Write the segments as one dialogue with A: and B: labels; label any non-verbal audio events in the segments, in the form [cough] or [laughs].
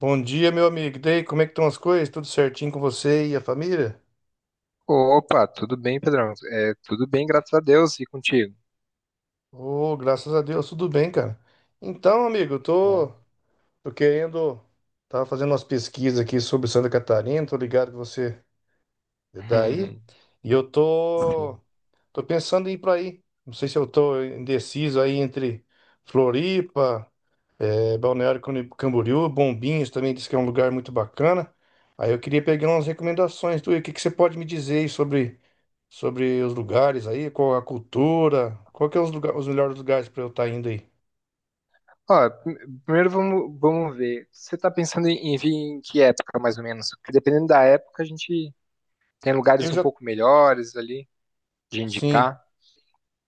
A: Bom dia, meu amigo. E daí, como é que estão as coisas? Tudo certinho com você e a família?
B: Opa, tudo bem, Pedrão? É, tudo bem, graças a Deus, e contigo?
A: Ô, graças a Deus, tudo bem, cara. Então, amigo, eu tô,
B: Bom.
A: tô querendo. Tava fazendo umas pesquisas aqui sobre Santa Catarina, tô ligado que você é daí.
B: [laughs]
A: E eu tô,
B: Sim.
A: tô pensando em ir pra aí. Não sei se eu tô indeciso aí entre Floripa, Balneário Camboriú, Camboriú, Bombinhas também diz que é um lugar muito bacana. Aí eu queria pegar umas recomendações tu, o que que você pode me dizer aí sobre os lugares aí, qual a cultura, qual que é os, lugar, os melhores lugares para eu estar indo aí.
B: Ó, primeiro vamos ver. Você está pensando em vir em que época, mais ou menos? Porque dependendo da época, a gente tem
A: Eu
B: lugares um
A: já,
B: pouco melhores ali de
A: sim,
B: indicar.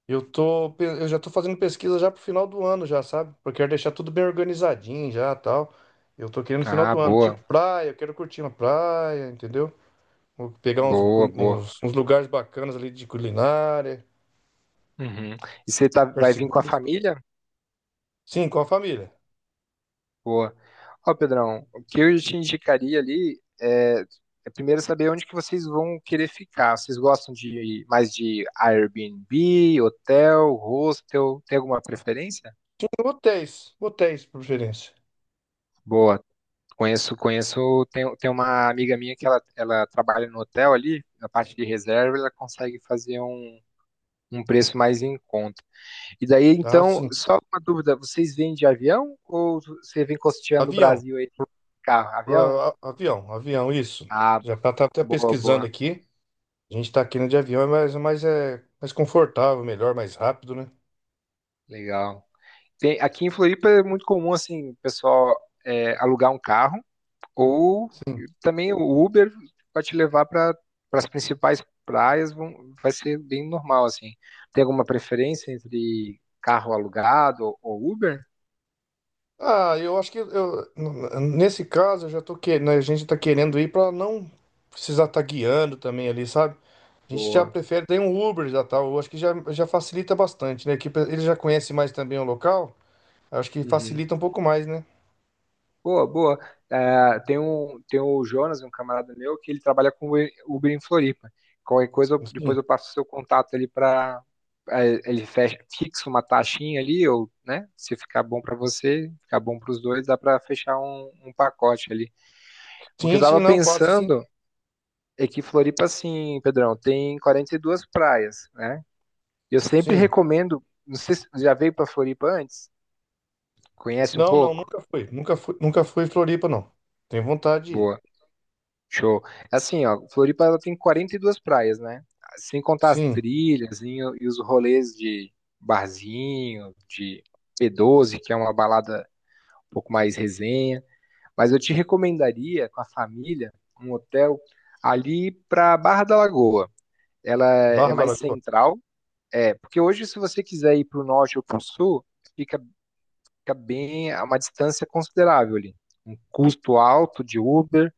A: eu já tô fazendo pesquisa já pro final do ano já, sabe? Porque eu quero deixar tudo bem organizadinho já, tal. Eu tô querendo no final
B: Ah,
A: do ano,
B: boa,
A: tipo praia, eu quero curtir uma praia, entendeu? Vou pegar uns,
B: boa,
A: cu-
B: boa.
A: uns, uns lugares bacanas ali de culinária,
B: Uhum. E você tá,
A: lugares
B: vai vir com a
A: seguros.
B: família?
A: Sim, com a família.
B: Boa. Ó, Pedrão, o que eu te indicaria ali é, primeiro saber onde que vocês vão querer ficar. Vocês gostam de mais de Airbnb, hotel, hostel? Tem alguma preferência?
A: Sim, hotéis, por preferência.
B: Boa. Conheço. Tem uma amiga minha que ela trabalha no hotel ali, na parte de reserva. Ela consegue fazer um preço mais em conta. E daí,
A: Ah,
B: então,
A: sim.
B: só uma dúvida: vocês vêm de avião ou você vem costeando o
A: Avião.
B: Brasil aí de carro? Avião?
A: Avião, isso.
B: Ah,
A: Já tá, tá até
B: boa,
A: pesquisando
B: boa.
A: aqui. A gente tá aqui no de avião, mas é mais confortável, melhor, mais rápido, né?
B: Legal. Aqui em Floripa é muito comum, assim, o pessoal é, alugar um carro ou também o Uber vai te levar para as principais praias. Vai ser bem normal, assim. Tem alguma preferência entre carro alugado ou Uber?
A: Ah, eu acho que nesse caso eu já tô querendo, a gente tá querendo ir pra não precisar estar guiando também ali, sabe? A gente já
B: Boa.
A: prefere ter um Uber já tal, eu acho que já, já facilita bastante, né? Que ele já conhece mais também o local, acho que
B: Uhum.
A: facilita um pouco mais, né?
B: Boa. É, tem o Jonas, um camarada meu, que ele trabalha com Uber em Floripa. Qualquer coisa,
A: Sim,
B: depois eu passo o seu contato ali para ele. Fixa uma taxinha ali, ou, né? Se ficar bom para você, ficar bom para os dois, dá para fechar um pacote ali. O que eu
A: sim, sim,
B: estava
A: não, passa sim,
B: pensando é que Floripa, assim, Pedrão, tem 42 praias, né? Eu sempre
A: sim.
B: recomendo, não sei se já veio para Floripa antes, conhece um
A: Não, não,
B: pouco?
A: nunca fui. Nunca fui, nunca fui em Floripa, não. Tenho vontade de ir.
B: Boa. Show. Assim, ó, Floripa ela tem 42 praias, né? Sem contar as
A: Sim.
B: trilhas e os rolês de barzinho, de P12, que é uma balada um pouco mais resenha. Mas eu te recomendaria, com a família, um hotel ali para Barra da Lagoa. Ela é
A: Barra da
B: mais
A: Lagoa.
B: central, é, porque hoje, se você quiser ir para o norte ou para o sul, fica, fica bem a uma distância considerável ali. Um custo alto de Uber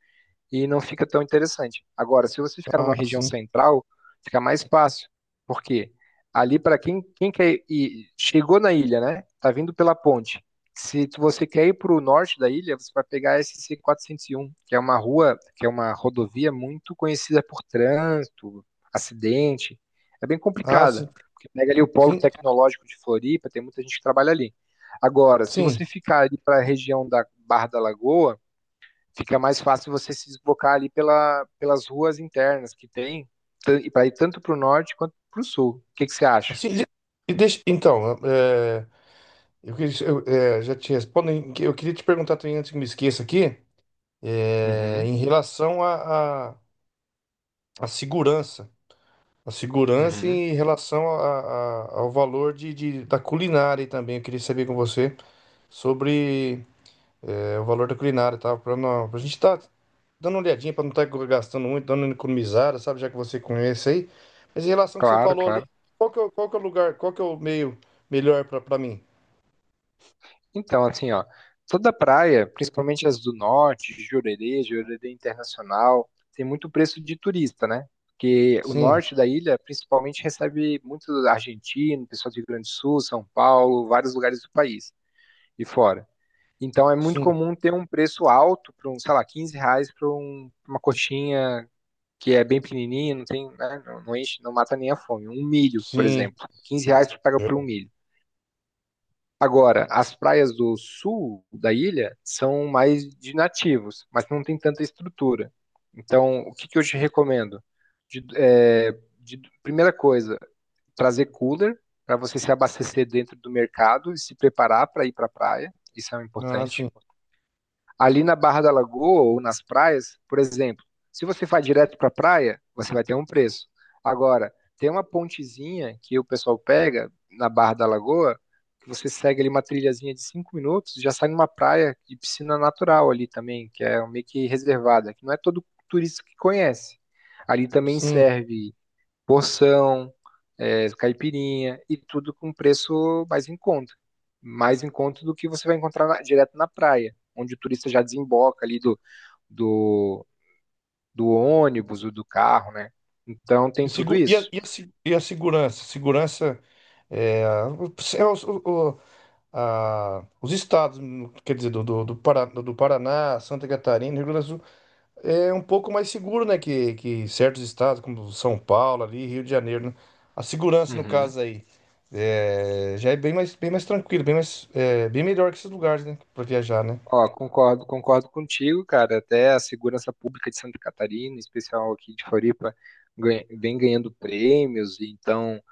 B: e não fica tão interessante. Agora, se você ficar
A: Ah,
B: numa região
A: sim.
B: central, fica mais fácil, porque ali para quem quer ir, chegou na ilha, né? Tá vindo pela ponte. Se tu- Você quer ir para o norte da ilha, você vai pegar a SC 401, que é uma que é uma rodovia muito conhecida por trânsito, acidente. É bem
A: Ah, sim.
B: complicada, porque pega ali o polo
A: Sim,
B: tecnológico de Floripa, tem muita gente que trabalha ali. Agora, se você
A: sim.
B: ficar ali para a região da Barra da Lagoa, fica mais fácil você se deslocar ali pelas ruas internas que tem, para ir tanto para o norte quanto para o sul. O que que você acha?
A: Sim. Deixa, então, é, já te respondo. Eu queria te perguntar também, antes que me esqueça aqui, é,
B: Uhum,
A: em relação à segurança. A segurança
B: uhum.
A: em relação ao valor da culinária também. Eu queria saber com você sobre é, o valor da culinária, tá? Para a gente estar dando uma olhadinha para não estar gastando muito, dando uma economizada, sabe? Já que você conhece aí. Mas em relação ao que você
B: Claro,
A: falou ali,
B: claro.
A: qual que é, qual que é o lugar, qual que é o meio melhor para mim?
B: Então, assim, ó, toda praia, principalmente as do norte, Jurerê, Jurerê Internacional, tem muito preço de turista, né? Porque o
A: Sim,
B: norte da ilha, principalmente, recebe muito argentino, pessoal do Rio Grande do Sul, São Paulo, vários lugares do país e fora. Então é muito
A: sim,
B: comum ter um preço alto para um, sei lá, R$ 15 para uma coxinha que é bem pequenininha, não tem, né, não enche, não mata nem a fome. Um milho, por
A: sim.
B: exemplo, R$ 15 tu pega por um
A: Verdade.
B: milho. Agora, as praias do sul da ilha são mais de nativos, mas não tem tanta estrutura. Então, o que que eu te recomendo? De- é, Primeira coisa, trazer cooler para você se abastecer dentro do mercado e se preparar para ir para a praia. Isso é
A: Ah,
B: importante.
A: sim,
B: Ali na Barra da Lagoa ou nas praias, por exemplo, se você vai direto para a praia, você vai ter um preço. Agora, tem uma pontezinha que o pessoal pega na Barra da Lagoa, que você segue ali uma trilhazinha de 5 minutos, já sai numa praia de piscina natural ali também, que é meio que reservada, que não é todo turista que conhece. Ali também
A: sim.
B: serve porção, eh, caipirinha e tudo com preço mais em conta. Mais em conta do que você vai encontrar direto na praia, onde o turista já desemboca ali do, do ônibus ou do carro, né? Então
A: E,
B: tem tudo
A: segu-
B: isso.
A: e a se- e a segurança? Segurança é, o- é os, o- a- os estados, quer dizer, do Paraná, Santa Catarina, Rio Grande do Sul. É um pouco mais seguro, né? Que certos estados, como São Paulo, ali, Rio de Janeiro, né? A segurança, no
B: Uhum.
A: caso aí, é, já é bem mais tranquilo, bem mais, é, bem melhor que esses lugares, né? Para viajar, né?
B: Ó, concordo contigo, cara. Até a segurança pública de Santa Catarina, em especial aqui de Floripa, vem ganhando prêmios, e então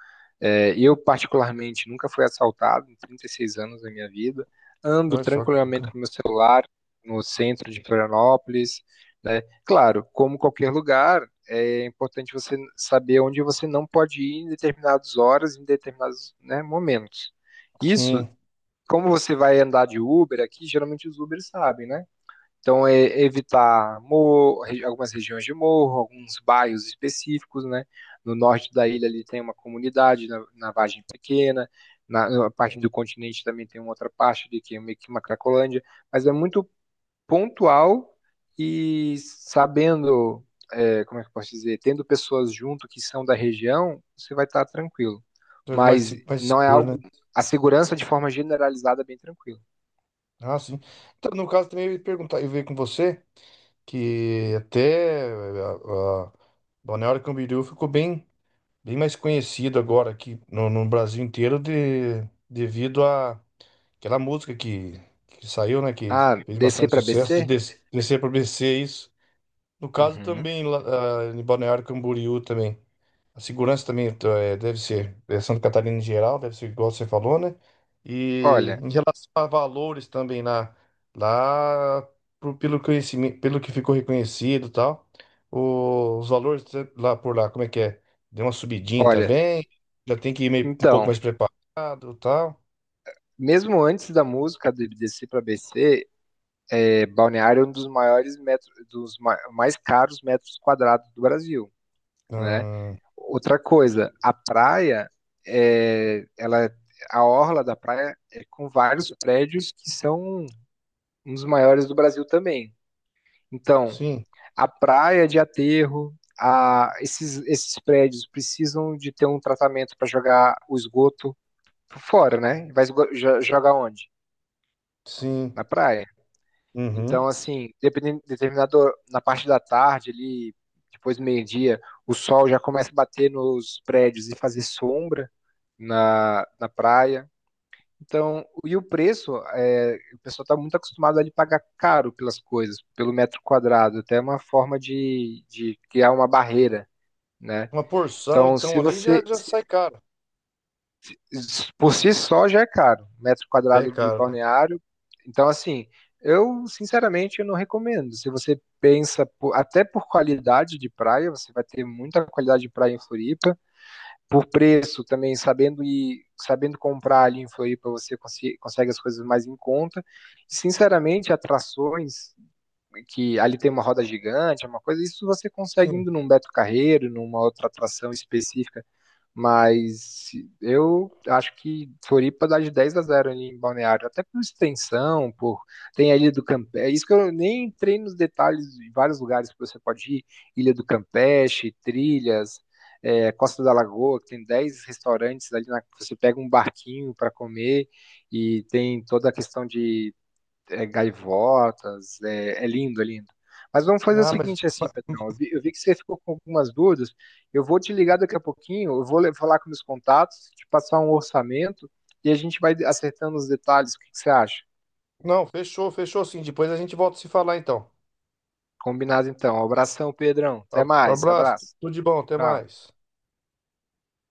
B: é, eu, particularmente, nunca fui assaltado em 36 anos da minha vida. Ando
A: Olha só que
B: tranquilamente
A: bacana.
B: com meu celular no centro de Florianópolis, né? Claro, como qualquer lugar, é importante você saber onde você não pode ir em determinadas horas, em determinados, né, momentos. Isso,
A: Sim,
B: como você vai andar de Uber aqui, geralmente os Ubers sabem, né? Então, é evitar morro, algumas regiões de morro, alguns bairros específicos, né? No norte da ilha ali tem uma comunidade, na Vargem Pequena, na parte do continente também tem uma outra parte ali que é meio que uma Cracolândia, mas é muito pontual. E sabendo, é, como é que eu posso dizer, tendo pessoas junto que são da região, você vai estar tranquilo.
A: deve mais,
B: Mas
A: mais
B: não é
A: seguro,
B: algo.
A: né?
B: A segurança de forma generalizada é bem tranquila.
A: Ah, sim. Então, no caso, também eu ia perguntar, eu ia ver com você que até é, a Balneário Camboriú ficou bem, bem mais conhecido agora aqui no, no Brasil inteiro de, devido a aquela música que saiu, né? Que
B: Ah,
A: fez
B: descer
A: bastante
B: para
A: sucesso de
B: BC?
A: descer para BC, isso. No caso
B: Uhum.
A: também, lá, ah, em Balneário Camboriú também. A segurança também tá, é, deve ser, é, Santa Catarina em geral, deve ser igual você falou, né? E
B: Olha,
A: em relação a valores também lá, lá pelo conhecimento, pelo que ficou reconhecido e tal, os valores eh, lá por lá, como é que é? Deu uma subidinha
B: Olha,
A: também, já tem que ir meio, um pouco
B: então,
A: mais preparado e tal.
B: mesmo antes da música do IBDC para BC, é, Balneário é um dos maiores metros, mais caros metros quadrados do Brasil, né?
A: Hum,
B: Outra coisa, a praia, é, ela, a orla da praia é com vários prédios que são um dos maiores do Brasil também. Então,
A: sim.
B: a praia de aterro, esses prédios precisam de ter um tratamento para jogar o esgoto fora, né? Jogar onde?
A: Sim.
B: Na praia. Então,
A: Uhum.
B: assim, dependendo, determinado na parte da tarde, ali, depois do meio-dia, o sol já começa a bater nos prédios e fazer sombra na praia. Então, e o preço, é, o pessoal está muito acostumado a pagar caro pelas coisas, pelo metro quadrado, até uma forma de criar uma barreira, né?
A: Uma porção,
B: Então,
A: então,
B: se
A: ali já,
B: você,
A: já sai caro.
B: por si só já é caro, metro
A: É
B: quadrado de
A: caro, né?
B: balneário. Então, assim, eu sinceramente eu não recomendo. Se você pensa até por qualidade de praia, você vai ter muita qualidade de praia em Floripa. Por preço também, sabendo comprar ali em Floripa, você consegue as coisas mais em conta. Sinceramente, atrações que ali tem uma roda gigante, é uma coisa, isso você consegue indo
A: Sim.
B: num Beto Carreiro, numa outra atração específica. Mas eu acho que Floripa dá de 10 a zero ali em Balneário, até por extensão, por tem a Ilha do Campeche. É isso que eu nem entrei nos detalhes de vários lugares que você pode ir, Ilha do Campeche, trilhas, é, Costa da Lagoa, que tem 10 restaurantes ali na... Você pega um barquinho para comer e tem toda a questão de é, gaivotas, é, é lindo. Mas vamos fazer o
A: Ah, mas.
B: seguinte assim, Pedrão, eu vi que você ficou com algumas dúvidas. Eu vou te ligar daqui a pouquinho, eu vou falar com meus contatos, te passar um orçamento e a gente vai acertando os detalhes. O que que você acha?
A: Não, fechou, fechou sim. Depois a gente volta a se falar, então.
B: Combinado então. Abração, Pedrão. Até mais.
A: Abraço,
B: Abraço.
A: tudo de bom, até
B: Tchau.
A: mais.